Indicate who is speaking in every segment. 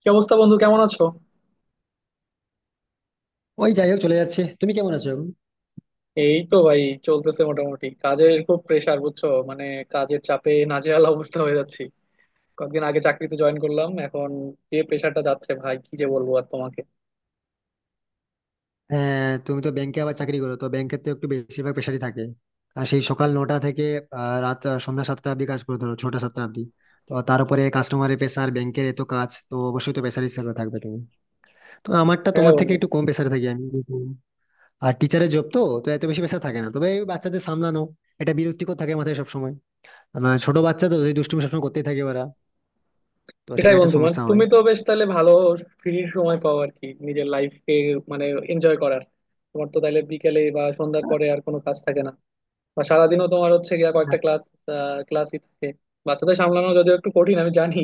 Speaker 1: কি অবস্থা বন্ধু, কেমন আছো?
Speaker 2: ওই যাই হোক চলে যাচ্ছে। তুমি কেমন আছো এখন?
Speaker 1: এই তো ভাই, চলতেছে মোটামুটি। কাজের খুব প্রেসার, বুঝছো? মানে কাজের চাপে নাজেহাল অবস্থা হয়ে যাচ্ছি। কয়েকদিন আগে চাকরিতে জয়েন করলাম, এখন যে প্রেসারটা যাচ্ছে ভাই, কি যে বলবো আর তোমাকে।
Speaker 2: হ্যাঁ, তুমি তো ব্যাংকে আবার চাকরি করো, তো ব্যাংকের তো একটু বেশিরভাগ পেশারই থাকে। আর সেই সকাল 9টা থেকে রাত সন্ধ্যা 7টা অব্দি কাজ করে, ধরো 6টা 7টা অব্দি। তো তারপরে কাস্টমারের পেশার, ব্যাংকের এত কাজ, তো অবশ্যই তো পেশার হিসেবে থাকবে। তুমি, তো আমারটা
Speaker 1: হ্যাঁ
Speaker 2: তোমার থেকে
Speaker 1: বন্ধু।
Speaker 2: একটু কম পেশারে থাকি আমি। আর টিচারের জব তো তো এত বেশি পেশা থাকে না, তবে এই বাচ্চাদের সামলানো, এটা বিরক্তিকর থাকে মাথায় সবসময়। আমার ছোট বাচ্চা তো, যদি দুষ্টুমি সবসময় করতেই থাকে ওরা, তো
Speaker 1: সেটাই
Speaker 2: সেটা একটা
Speaker 1: বন্ধু, মানে
Speaker 2: সমস্যা হয়।
Speaker 1: তুমি তো বেশ তাহলে ভালো ফ্রি সময় পাও আর কি, নিজের লাইফকে মানে এনজয় করার। তোমার তো তাহলে বিকেলে বা সন্ধ্যার পরে আর কোনো কাজ থাকে না, বা সারাদিনও তোমার হচ্ছে গিয়া কয়েকটা ক্লাস, ক্লাসই থাকে। বাচ্চাদের সামলানো যদিও একটু কঠিন, আমি জানি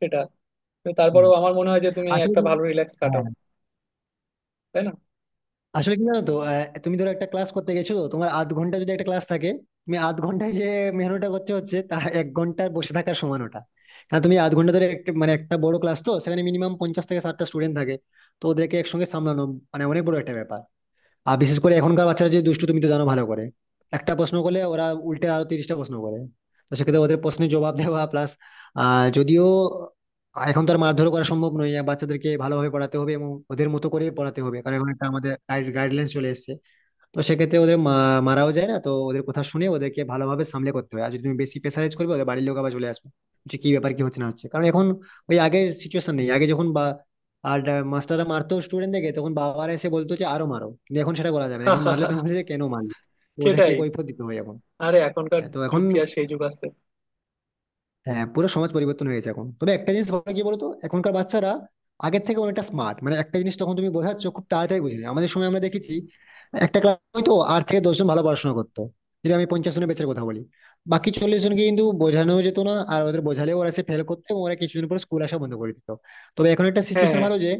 Speaker 1: সেটা, তো
Speaker 2: হুম।
Speaker 1: তারপরেও আমার মনে হয় যে তুমি
Speaker 2: আসলে
Speaker 1: একটা
Speaker 2: কি-
Speaker 1: ভালো রিল্যাক্স কাটাও,
Speaker 2: হ্যাঁ,
Speaker 1: তাই না?
Speaker 2: আসলে কি জানো তো, তুমি ধরো একটা ক্লাস করতে গেছো, তো তোমার আধ ঘন্টা যদি একটা ক্লাস থাকে, তুমি আধ ঘন্টায় যে মেহনতটা করছো, হচ্ছে তা এক ঘন্টার বসে থাকার সমান ওটা। কারণ তুমি আধ ঘন্টা ধরে একটা, মানে একটা বড় ক্লাস, তো সেখানে মিনিমাম 50 থেকে 60টা স্টুডেন্ট থাকে। তো ওদেরকে একসঙ্গে সামলানো মানে অনেক বড় একটা ব্যাপার। আর বিশেষ করে এখনকার বাচ্চারা যে দুষ্টু, তুমি তো জানো ভালো করে। একটা প্রশ্ন করলে ওরা উল্টে আরো 30টা প্রশ্ন করে। তো সেক্ষেত্রে ওদের প্রশ্নের জবাব দেওয়া, প্লাস যদিও এখন তো আর মারধর করা সম্ভব নয়, বাচ্চাদেরকে ভালোভাবে পড়াতে হবে এবং ওদের মতো করে পড়াতে হবে, কারণ এখন একটা আমাদের গাইডলাইন চলে এসেছে। তো সেক্ষেত্রে ওদের মারাও যায় না, তো ওদের কথা শুনে ওদেরকে ভালোভাবে সামলে করতে হয়, আর যদি তুমি বেশি প্রেসারাইজ করবে, ওদের বাড়ির লোক আবার চলে আসবে যে কি ব্যাপার, কি হচ্ছে না হচ্ছে। কারণ এখন ওই আগের সিচুয়েশন নেই। আগে যখন বা আর মাস্টাররা মারতো স্টুডেন্টদেরকে, তখন বাবারা এসে বলতো যে আরো মারো, কিন্তু এখন সেটা করা যাবে না। এখন মারলে তুমি বলছে যে কেন মারলে। তো ওদেরকে
Speaker 1: সেটাই।
Speaker 2: কৈফিয়ত দিতে হয় এখন।
Speaker 1: আরে এখনকার
Speaker 2: হ্যাঁ, তো এখন
Speaker 1: যুগ কি আর সেই যুগ আছে!
Speaker 2: হ্যাঁ, পুরো সমাজ পরিবর্তন হয়েছে এখন। তবে একটা জিনিস বলা, কি বলতো, এখনকার বাচ্চারা আগের থেকে অনেকটা স্মার্ট। মানে একটা জিনিস তখন তুমি বোঝাচ্ছ, খুব তাড়াতাড়ি বুঝে নেয়। আমাদের সময় আমরা দেখেছি একটা ক্লাস হয়তো 8 থেকে 10 জন ভালো পড়াশোনা করতো। যদি আমি 50 জনের ব্যাচের কথা বলি, বাকি 40 জনকে কিন্তু বোঝানো যেত না। আর ওদের বোঝালেও ওরা সে ফেল করতো এবং ওরা কিছুদিন পর স্কুল আসা বন্ধ করে দিত। তবে এখন একটা সিচুয়েশন
Speaker 1: হ্যাঁ।
Speaker 2: ভালো যে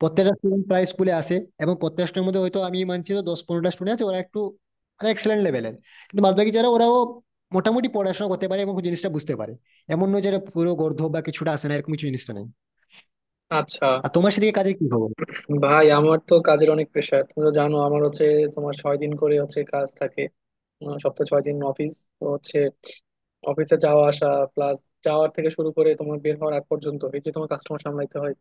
Speaker 2: প্রত্যেকটা স্টুডেন্ট প্রায় স্কুলে আসে। এবং প্রত্যেকটা স্টুডেন্টের মধ্যে হয়তো আমি মানছি তো, 10-15টা স্টুডেন্ট আছে ওরা একটু, মানে এক্সেলেন্ট লেভেলের, কিন্তু বাদবাকি যারা ওরাও মোটামুটি পড়াশোনা করতে পারে এবং জিনিসটা বুঝতে পারে। এমন নয় যে এটা পুরো গর্ধব বা কিছুটা আসে না, এরকম কিছু জিনিসটা নেই।
Speaker 1: আচ্ছা।
Speaker 2: আর তোমার সেদিকে কাজের কি খবর?
Speaker 1: ভাই আমার তো কাজের অনেক প্রেশার, তুমি তো জানো। আমার হচ্ছে তোমার 6 দিন করে হচ্ছে কাজ থাকে, সপ্তাহে 6 দিন অফিস তো হচ্ছে। অফিসে যাওয়া আসা প্লাস যাওয়ার থেকে শুরু করে তোমার বের হওয়ার আগ পর্যন্ত এই যে তোমার কাস্টমার সামলাইতে হয়।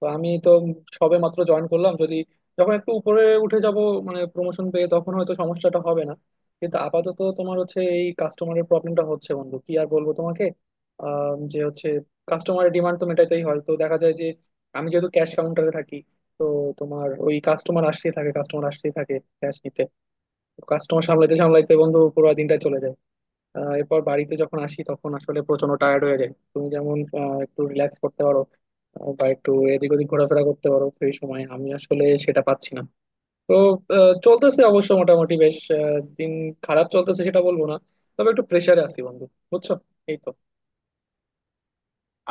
Speaker 1: তো আমি তো সবে মাত্র জয়েন করলাম, যদি যখন একটু উপরে উঠে যাব মানে প্রমোশন পেয়ে, তখন হয়তো সমস্যাটা হবে না, কিন্তু আপাতত তোমার হচ্ছে এই কাস্টমারের প্রবলেমটা হচ্ছে বন্ধু, কি আর বলবো তোমাকে। যে হচ্ছে কাস্টমারের ডিমান্ড তো মেটাইতেই হয়, তো দেখা যায় যে আমি যেহেতু ক্যাশ কাউন্টারে থাকি, তো তোমার ওই কাস্টমার আসতেই থাকে, কাস্টমার আসতেই থাকে ক্যাশ নিতে। কাস্টমার সামলাইতে সামলাইতে বন্ধু পুরো দিনটা চলে যায়। এরপর বাড়িতে যখন আসি তখন আসলে প্রচন্ড টায়ার্ড হয়ে যায়। তুমি যেমন একটু রিল্যাক্স করতে পারো, বা একটু এদিক ওদিক ঘোরাফেরা করতে পারো, সেই সময় আমি আসলে সেটা পাচ্ছি না। তো চলতেছে অবশ্য মোটামুটি বেশ দিন। খারাপ চলতেছে সেটা বলবো না, তবে একটু প্রেসারে আছি বন্ধু, বুঝছো, এই তো।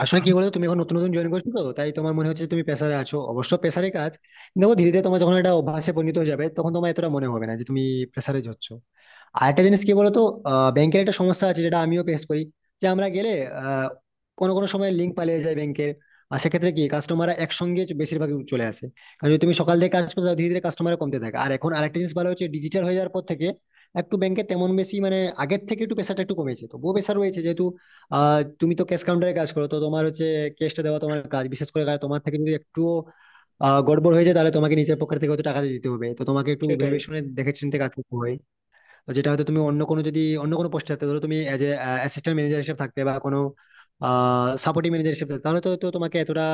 Speaker 2: আসলে কি বলতো, তুমি এখন নতুন নতুন জয়েন করছো, তো তাই তোমার মনে হচ্ছে যে তুমি প্রেসারে আছো। অবশ্য প্রেসারে কাজ, দেখো ধীরে ধীরে তোমার যখন এটা অভ্যাসে পরিণত হয়ে যাবে, তখন তোমার এতটা মনে হবে না যে তুমি প্রেসারে যাচ্ছ। আর একটা জিনিস কি বলতো, ব্যাংকের একটা সমস্যা আছে যেটা আমিও ফেস করি, যে আমরা গেলে আহ, কোনো কোনো সময় লিঙ্ক পালিয়ে যায় ব্যাংকের। আর সেক্ষেত্রে কি কাস্টমাররা একসঙ্গে বেশিরভাগ চলে আসে। কারণ যদি তুমি সকাল থেকে কাজ করতে যাও, ধীরে ধীরে কাস্টমার কমতে থাকে। আর এখন আরেকটা জিনিস ভালো হচ্ছে, ডিজিটাল হয়ে যাওয়ার পর থেকে একটু ব্যাংকে তেমন বেশি মানে আগের থেকে একটু প্রেশারটা একটু কমেছে। তো তবুও প্রেশার রয়েছে, যেহেতু তুমি তো ক্যাশ কাউন্টারে কাজ করো, তো তোমার হচ্ছে ক্যাশটা দেওয়া তোমার কাজ বিশেষ করে। কারণ তোমার থেকে যদি একটু গড়বড় হয়ে যায়, তাহলে তোমাকে নিজের পকেট থেকে হয়তো টাকা দিয়ে দিতে হবে। তো তোমাকে একটু
Speaker 1: সেটাই।
Speaker 2: ভেবে শুনে দেখে চিনতে কাজ করতে হয়, যেটা হয়তো তুমি অন্য কোনো, যদি অন্য কোনো পোস্টে থাকতে, ধরো তুমি এজ এ অ্যাসিস্ট্যান্ট ম্যানেজার হিসেবে থাকতে বা কোনো সাপোর্টিং ম্যানেজার হিসেবে থাকতে, তাহলে তো তো তোমাকে এতটা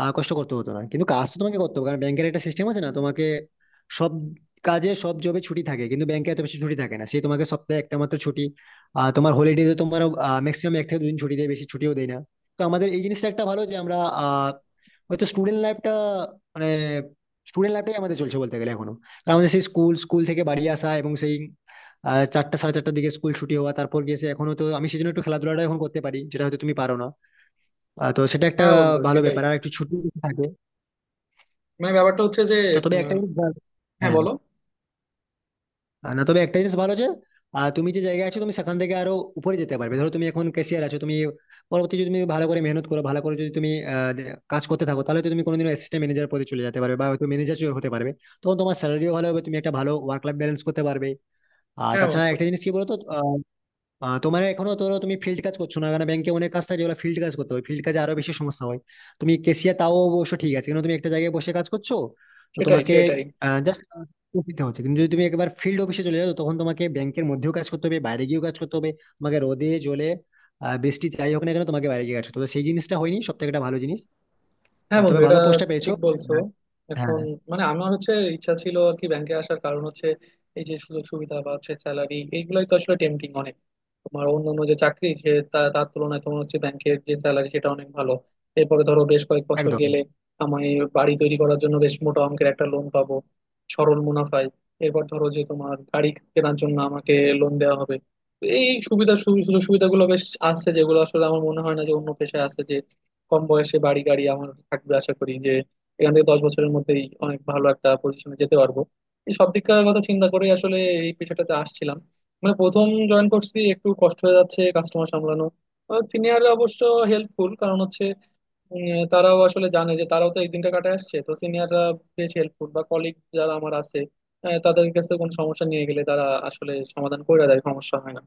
Speaker 2: কষ্ট করতে হতো না। কিন্তু কাজ তো তোমাকে করতে হবে, কারণ ব্যাংকের একটা সিস্টেম আছে না, তোমাকে সব কাজে, সব জবে ছুটি থাকে কিন্তু ব্যাংকে এত বেশি ছুটি থাকে না। সেই তোমাকে সপ্তাহে একটা মাত্র ছুটি, তোমার হলিডে, তোমার ম্যাক্সিমাম 1 থেকে 2 দিন ছুটি দেয়, বেশি ছুটিও দেয় না। তো আমাদের এই জিনিসটা একটা ভালো যে আমরা হয়তো স্টুডেন্ট লাইফটা, মানে স্টুডেন্ট লাইফটাই আমাদের চলছে বলতে গেলে এখনো। কারণ আমাদের সেই স্কুল স্কুল থেকে বাড়ি আসা এবং সেই চারটা সাড়ে চারটার দিকে স্কুল ছুটি হওয়া, তারপর গিয়ে সে এখনো তো আমি সেই জন্য একটু খেলাধুলাটা এখন করতে পারি যেটা হয়তো তুমি পারো না। তো সেটা একটা
Speaker 1: হ্যাঁ বন্ধু
Speaker 2: ভালো
Speaker 1: সেটাই।
Speaker 2: ব্যাপার, আর একটু ছুটি থাকে।
Speaker 1: মানে ব্যাপারটা হচ্ছে যে
Speaker 2: তো তবে
Speaker 1: উম,
Speaker 2: একটা জিনিস ভালো-
Speaker 1: হ্যাঁ
Speaker 2: হ্যাঁ,
Speaker 1: বলো।
Speaker 2: না তবে একটা জিনিস ভালো যে তুমি যে জায়গায় আছো, তুমি সেখান থেকে আরো উপরে যেতে পারবে। ধরো তুমি এখন ক্যাশিয়ার আছো, তুমি পরবর্তী, যদি তুমি ভালো করে মেহনত করো, ভালো করে যদি তুমি কাজ করতে থাকো, তাহলে তো তুমি কোনোদিন অ্যাসিস্ট্যান্ট ম্যানেজার পদে চলে যেতে পারবে বা হয়তো ম্যানেজার হতে পারবে। তখন তোমার স্যালারিও ভালো হবে, তুমি একটা ভালো ওয়ার্ক লাইফ ব্যালেন্স করতে পারবে। আর
Speaker 1: হ্যাঁ
Speaker 2: তাছাড়া
Speaker 1: বন্ধু।
Speaker 2: একটা জিনিস কি বলতো, তোমার এখনো, ধরো তুমি ফিল্ড কাজ করছো না, কারণ ব্যাংকে অনেক কাজ থাকে যেগুলো ফিল্ড কাজ করতে হয়, ফিল্ড কাজে আরো বেশি সমস্যা হয়। তুমি কেসিয়ার তাও অবশ্য ঠিক আছে, কিন্তু তুমি একটা জায়গায় বসে কাজ করছো, তো
Speaker 1: সেটাই
Speaker 2: তোমাকে
Speaker 1: সেটাই
Speaker 2: জাস্ট দিতে হচ্ছে। কিন্তু যদি তুমি একবার ফিল্ড অফিসে চলে যাও, তখন তোমাকে ব্যাংকের মধ্যেও কাজ করতে হবে, বাইরে গিয়েও কাজ করতে হবে, তোমাকে রোদে জলে বৃষ্টি যাই হোক না কেন তোমাকে বাইরে গিয়ে কাজ করতে হবে। তো সেই জিনিসটা হয়নি, সব থেকে একটা ভালো জিনিস।
Speaker 1: হ্যাঁ
Speaker 2: তবে
Speaker 1: বন্ধু
Speaker 2: ভালো
Speaker 1: এটা
Speaker 2: পোস্টটা পেয়েছো।
Speaker 1: ঠিক বলছো।
Speaker 2: আহ,
Speaker 1: এখন
Speaker 2: হ্যাঁ,
Speaker 1: মানে আমার হচ্ছে ইচ্ছা ছিল আর কি, ব্যাংকে আসার কারণ হচ্ছে এই যে সুযোগ সুবিধা বা হচ্ছে স্যালারি, এইগুলাই তো আসলে টেম্পটিং অনেক। তোমার অন্যান্য যে চাকরি সে তার তুলনায় তোমার হচ্ছে ব্যাংকের যে স্যালারি, সেটা অনেক ভালো। এরপরে ধরো বেশ কয়েক বছর
Speaker 2: একদম।
Speaker 1: গেলে আমি বাড়ি তৈরি করার জন্য বেশ মোটা অঙ্কের একটা লোন পাবো সরল মুনাফায়। এরপর ধরো যে তোমার গাড়ি কেনার জন্য আমাকে লোন দেওয়া হবে। তো এই সুযোগ সুবিধাগুলো বেশ আছে, যেগুলো আসলে আমার মনে হয় না যে অন্য পেশায় আছে। যে কম বয়সে বাড়ি গাড়ি আমার থাকবে আশা করি, যে এখান থেকে 10 বছরের মধ্যেই অনেক ভালো একটা পজিশনে যেতে পারবো। এই সব দিককার কথা চিন্তা করে আসলে এই পেশাটাতে আসছিলাম। মানে প্রথম জয়েন করছি, একটু কষ্ট হয়ে যাচ্ছে কাস্টমার সামলানো। সিনিয়ররা অবশ্য হেল্পফুল, কারণ হচ্ছে তারাও আসলে জানে যে তারাও তো এই দিনটা কাটায় আসছে। তো সিনিয়ররা বেশ হেল্পফুল, বা কলিগ যারা আমার আছে, তাদের কাছে কোনো সমস্যা নিয়ে গেলে তারা আসলে সমাধান করে দেয়, সমস্যা হয় না।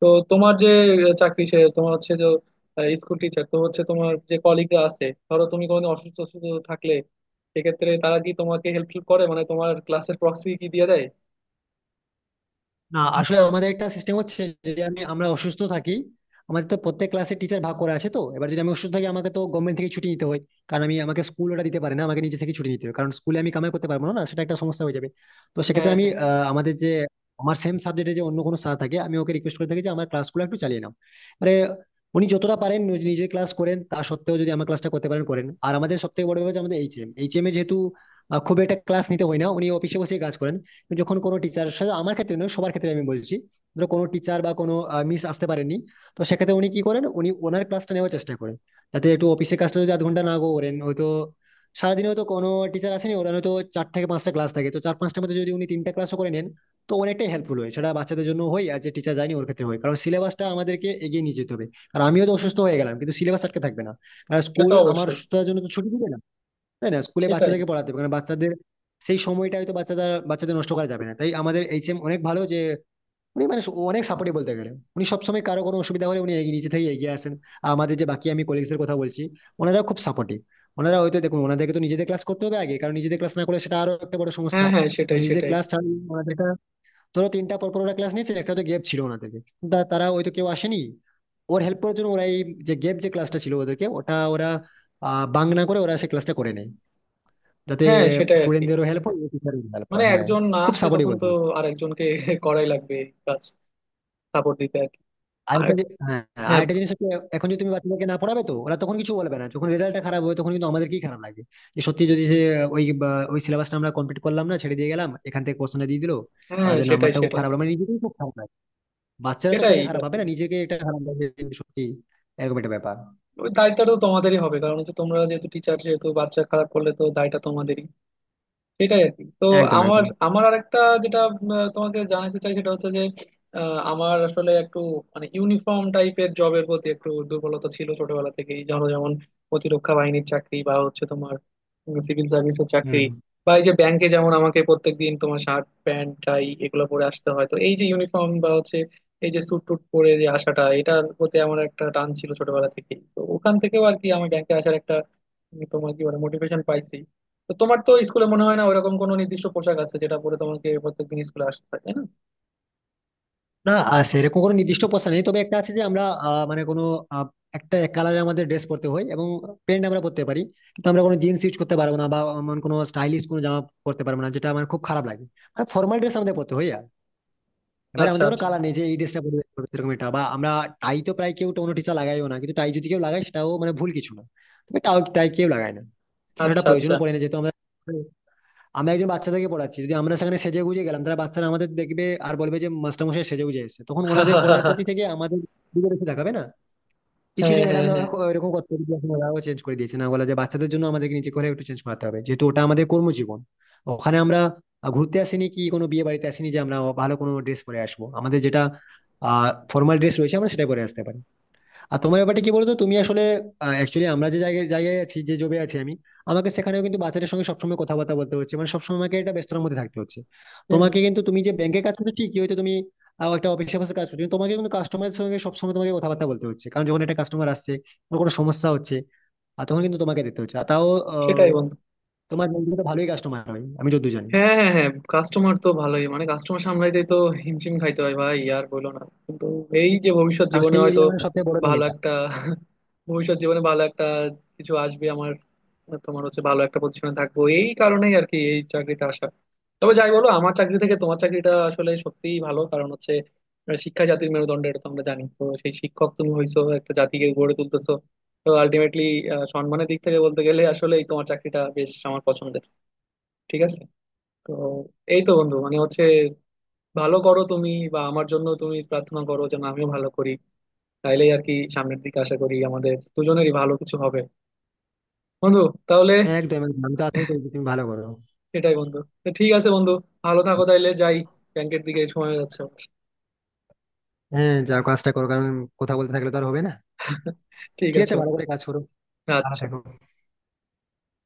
Speaker 1: তো তোমার যে চাকরি সে তোমার হচ্ছে যে স্কুল টিচার, তো হচ্ছে তোমার যে কলিগরা আছে, ধরো তুমি কোনো অসুস্থ অসুস্থ থাকলে সেক্ষেত্রে তারা কি তোমাকে হেল্পফুল করে, মানে তোমার ক্লাসের প্রক্সি কি দিয়ে দেয়?
Speaker 2: না, আসলে আমাদের একটা সিস্টেম হচ্ছে, যদি আমি, আমরা অসুস্থ থাকি, আমাদের তো প্রত্যেক ক্লাসে টিচার ভাগ করা আছে, তো এবার যদি আমি অসুস্থ থাকি, আমাকে তো গভর্নমেন্ট থেকে ছুটি নিতে হয়। কারণ আমি, আমাকে স্কুল ওটা দিতে পারে না, আমাকে নিজে থেকে ছুটি নিতে হবে, কারণ স্কুলে আমি কামাই করতে পারবো না, না, সেটা একটা সমস্যা হয়ে যাবে। তো
Speaker 1: হ্যাঁ,
Speaker 2: সেক্ষেত্রে আমি
Speaker 1: হ্যাঁ।
Speaker 2: আমাদের যে আমার সেম সাবজেক্টে যে অন্য কোনো স্যার থাকে, আমি ওকে রিকোয়েস্ট করে থাকি যে আমার ক্লাসগুলো একটু চালিয়ে নাও, মানে উনি যতটা পারেন নিজের ক্লাস করেন, তা সত্ত্বেও যদি আমার ক্লাসটা করতে পারেন করেন। আর আমাদের সব থেকে বড় ব্যাপার হচ্ছে, আমাদের এইচএম এইচএম এ যেহেতু খুব একটা ক্লাস নিতে হয় না, উনি অফিসে বসে কাজ করেন। যখন কোনো টিচার, আমার ক্ষেত্রে নয়, সবার ক্ষেত্রে আমি বলছি, ধরো কোনো টিচার বা কোনো মিস আসতে পারেননি, তো সেক্ষেত্রে উনি কি করেন, উনি ওনার ক্লাসটা নেওয়ার চেষ্টা করেন, যাতে একটু অফিসের কাজটা যদি আধ ঘন্টা না করেন হয়তো, সারাদিনে হয়তো কোনো টিচার আসেনি, ওরা হয়তো 4 থেকে 5টা ক্লাস থাকে, তো 4-5টার মধ্যে যদি উনি 3টা ক্লাসও করে নেন, তো অনেকটাই হেল্পফুল হয়, সেটা বাচ্চাদের জন্য হয় আর যে টিচার যায়নি ওর ক্ষেত্রে হয়, কারণ সিলেবাসটা আমাদেরকে এগিয়ে নিয়ে যেতে হবে। আর আমিও তো অসুস্থ হয়ে গেলাম, কিন্তু সিলেবাস আটকে থাকবে না, কারণ
Speaker 1: সে তো
Speaker 2: স্কুল আমার
Speaker 1: অবশ্যই।
Speaker 2: অসুস্থতার জন্য তো ছুটি দিবে না। তাই না, স্কুলে
Speaker 1: সেটাই।
Speaker 2: বাচ্চাদেরকে পড়াতে হবে, কারণ বাচ্চাদের সেই সময়টা হয়তো বাচ্চারা, বাচ্চাদের নষ্ট করা যাবে না। তাই আমাদের এইচএম অনেক ভালো যে উনি, মানে অনেক সাপোর্টিভ বলতে গেলে। উনি সবসময় কারো কোনো অসুবিধা হলে উনি নিজে থেকে এগিয়ে আসেন। আর আমাদের যে বাকি, আমি কলিগসের কথা বলছি, ওনারা খুব সাপোর্টিভ। ওনারা হয়তো দেখুন, ওনাদেরকে তো নিজেদের ক্লাস করতে হবে আগে, কারণ নিজেদের ক্লাস না করলে সেটা আরো একটা বড় সমস্যা।
Speaker 1: হ্যাঁ, হ্যাঁ,
Speaker 2: তো
Speaker 1: সেটাই
Speaker 2: নিজেদের
Speaker 1: সেটাই
Speaker 2: ক্লাস ছাড়া ওনাদের একটা- ধরো 3টা পর পর ওরা ক্লাস নিয়েছে, একটা তো গ্যাপ ছিল ওনাদেরকে, তারা হয়তো কেউ আসেনি। ওর হেল্প করার জন্য ওরা এই যে গ্যাপ যে ক্লাসটা ছিল ওদেরকে, ওটা ওরা আহ বাং না করে ওরা সেই ক্লাসটা করে নেয়, যাতে
Speaker 1: হ্যাঁ সেটাই আর কি,
Speaker 2: স্টুডেন্টদেরও হেল্প হয় টিচারেরও হেল্প
Speaker 1: মানে
Speaker 2: হয়, হ্যাঁ।
Speaker 1: একজন না
Speaker 2: খুব
Speaker 1: আসলে
Speaker 2: সাপোর্টিভ
Speaker 1: তখন
Speaker 2: বলতে
Speaker 1: তো
Speaker 2: হবে।
Speaker 1: আর একজনকে করাই লাগবে এই কাজ, সাপোর্ট দিতে আর কি। আর
Speaker 2: হ্যাঁ হ্যাঁ,
Speaker 1: হ্যাঁ,
Speaker 2: আরেকটা জিনিস হচ্ছে, এখন যদি তুমি বাচ্চাদেরকে না পড়াবে তো ওরা তখন কিছু বলবে না, যখন রেজাল্টটা খারাপ হবে তখন কিন্তু আমাদেরকেই খারাপ লাগবে যে সত্যি যদি সে ওই সিলেবাসটা আমরা কমপ্লিট করলাম না, ছেড়ে দিয়ে গেলাম, এখান থেকে কোশ্চেনটা দিয়ে দিলো,
Speaker 1: হ্যাঁ,
Speaker 2: ওদের
Speaker 1: সেটাই
Speaker 2: নাম্বারটা খুব
Speaker 1: সেটাই
Speaker 2: খারাপ হলো। মানে নিজেকেই খুব খারাপ লাগে, বাচ্চারা তো
Speaker 1: সেটাই
Speaker 2: পরে খারাপ
Speaker 1: আর
Speaker 2: হবে
Speaker 1: কি,
Speaker 2: না, নিজেকে একটা খারাপ লাগবে যে সত্যি এরকম একটা ব্যাপার।
Speaker 1: ওই দায়িত্বটা তো তোমাদেরই হবে, কারণ হচ্ছে তোমরা যেহেতু টিচার, যেহেতু বাচ্চা খারাপ করলে তো দায়টা তোমাদেরই। সেটাই আর কি। তো
Speaker 2: একদম
Speaker 1: আমার
Speaker 2: একদম।
Speaker 1: আমার আরেকটা যেটা তোমাকে জানাতে চাই সেটা হচ্ছে যে আমার আসলে একটু মানে ইউনিফর্ম টাইপের জবের প্রতি একটু দুর্বলতা ছিল ছোটবেলা থেকেই। ধরো যেমন প্রতিরক্ষা বাহিনীর চাকরি, বা হচ্ছে তোমার সিভিল সার্ভিসের চাকরি,
Speaker 2: হম।
Speaker 1: বা এই যে ব্যাংকে যেমন আমাকে প্রত্যেকদিন তোমার শার্ট প্যান্ট টাই এগুলো পরে আসতে হয়, তো এই যে ইউনিফর্ম বা হচ্ছে এই যে স্যুট টুট পরে যে আসাটা, এটার প্রতি আমার একটা টান ছিল ছোটবেলা থেকেই। তো ওখান থেকেও আর কি আমি ব্যাংকে আসার একটা তোমার কি বলে মোটিভেশন পাইছি। তো তোমার তো স্কুলে মনে হয় না ওইরকম কোনো নির্দিষ্ট পোশাক আছে যেটা পরে তোমাকে প্রত্যেকদিন স্কুলে আসতে হয়, তাই না?
Speaker 2: না, সেরকম কোনো নির্দিষ্ট পোশাক নেই, তবে একটা আছে যে আমরা মানে কোনো আহ, একটা এক কালারে আমাদের ড্রেস পরতে হয় এবং প্যান্ট আমরা পরতে পারি, কিন্তু আমরা কোনো জিন্স ইউজ করতে পারবো না বা এমন কোনো স্টাইলিশ কোনো জামা পরতে পারবো না, যেটা আমার খুব খারাপ লাগে। আর ফর্মাল ড্রেস আমাদের পরতে হয়। আর এবার
Speaker 1: আচ্ছা
Speaker 2: আমাদের কোনো
Speaker 1: আচ্ছা
Speaker 2: কালার নেই যে এই ড্রেসটা পরে পরবে সেরকম, এটা বা আমরা। টাই তো প্রায় কেউ, কোনো টিচার লাগাইও না, কিন্তু টাই যদি কেউ লাগায় সেটাও মানে ভুল কিছু না। তবে টাই টাই কেউ লাগায় না, কারণ এটা
Speaker 1: আচ্ছা আচ্ছা
Speaker 2: প্রয়োজনও পড়ে না, যেহেতু আমরা, আমরা একজন বাচ্চাদেরকে পড়াচ্ছি, যদি আমরা সেখানে সেজে গুজে গেলাম তাহলে বাচ্চারা আমাদের দেখবে আর বলবে যে মাস্টারমশাই সেজে গুজে এসেছে, তখন ওনাদের পড়ার প্রতি থেকে আমাদের দিকে বেশি তাকাবে না। কিছু
Speaker 1: হ্যাঁ,
Speaker 2: কিছু
Speaker 1: হ্যাঁ,
Speaker 2: ম্যাডামরা
Speaker 1: হ্যাঁ।
Speaker 2: এরকম করতে, ওরাও চেঞ্জ করে দিয়েছে, না বলে যে বাচ্চাদের জন্য আমাদেরকে নিজে করে একটু চেঞ্জ করাতে হবে, যেহেতু ওটা আমাদের কর্মজীবন, ওখানে আমরা ঘুরতে আসিনি কি কোনো বিয়ে বাড়িতে আসিনি, যে আমরা ভালো কোনো ড্রেস পরে আসবো। আমাদের যেটা ফর্মাল ড্রেস রয়েছে আমরা সেটা পরে আসতে পারি। আর তোমার ব্যাপারটা কি বলতো, তুমি আসলে, অ্যাকচুয়ালি আমরা যে জায়গায় জায়গায় আছি, যে জবে আছি, আমি আমাকে সেখানেও কিন্তু বাচ্চাদের সঙ্গে সবসময় কথাবার্তা বলতে হচ্ছে, মানে সবসময় আমাকে একটা ব্যস্ততার মধ্যে থাকতে হচ্ছে।
Speaker 1: হুম।
Speaker 2: তোমাকে, কিন্তু তুমি যে ব্যাংকে কাজ করছো, ঠিকই হয়তো তুমি একটা অফিসের পাশে কাজ করছো, কিন্তু তোমাকে কিন্তু কাস্টমারের সঙ্গে সবসময় তোমাকে কথাবার্তা বলতে হচ্ছে। কারণ যখন একটা কাস্টমার আসছে কোনো কোনো সমস্যা হচ্ছে, আর তখন কিন্তু তোমাকে দেখতে হচ্ছে, আর তাও আহ,
Speaker 1: সেটাই বন্ধু।
Speaker 2: তোমার ব্যাংক কিন্তু ভালোই কাস্টমার হয় আমি যতদূর জানি।
Speaker 1: হ্যাঁ, হ্যাঁ, হ্যাঁ, কাস্টমার তো ভালোই, মানে কাস্টমার সামলাইতে তো হিমশিম খাইতে হয় ভাই, আর বলো না। কিন্তু এই যে ভবিষ্যৎ
Speaker 2: কারণ
Speaker 1: জীবনে
Speaker 2: সেই
Speaker 1: হয়তো
Speaker 2: এরিয়া মানে সবথেকে বড় ব্যাংক
Speaker 1: ভালো
Speaker 2: এটা।
Speaker 1: একটা, ভবিষ্যৎ জীবনে ভালো একটা কিছু আসবে আমার, তোমার হচ্ছে ভালো একটা পজিশনে থাকবো, এই কারণেই আর কি এই চাকরিতে আসা। তবে যাই বলো, আমার চাকরি থেকে তোমার চাকরিটা আসলে সত্যিই ভালো, কারণ হচ্ছে শিক্ষা জাতির মেরুদণ্ড, এটা তো আমরা জানি। তো সেই শিক্ষক তুমি হইছো, একটা জাতিকে গড়ে তুলতেছো। তো আলটিমেটলি সম্মানের দিক থেকে বলতে গেলে আসলে তোমার চাকরিটা বেশ আমার পছন্দের। ঠিক আছে। তো এই তো বন্ধু, মানে হচ্ছে ভালো করো তুমি, বা আমার জন্য তুমি প্রার্থনা করো যেন আমিও ভালো করি। তাইলেই আর কি, সামনের দিকে আশা করি আমাদের দুজনেরই ভালো কিছু হবে বন্ধু, তাহলে।
Speaker 2: একদম একদম। আমি তো আশাই করি যে তুমি ভালো করো।
Speaker 1: সেটাই বন্ধু। তো ঠিক আছে বন্ধু, ভালো থাকো, তাইলে যাই, ব্যাংকের দিকে সময় হয়ে যাচ্ছে আমার।
Speaker 2: হ্যাঁ, যাও কাজটা করো, কারণ কথা বলতে থাকলে তো আর হবে না।
Speaker 1: ঠিক
Speaker 2: ঠিক
Speaker 1: আছে
Speaker 2: আছে, ভালো
Speaker 1: বন্ধু।
Speaker 2: করে কাজ করো। Ahora
Speaker 1: আচ্ছা।
Speaker 2: te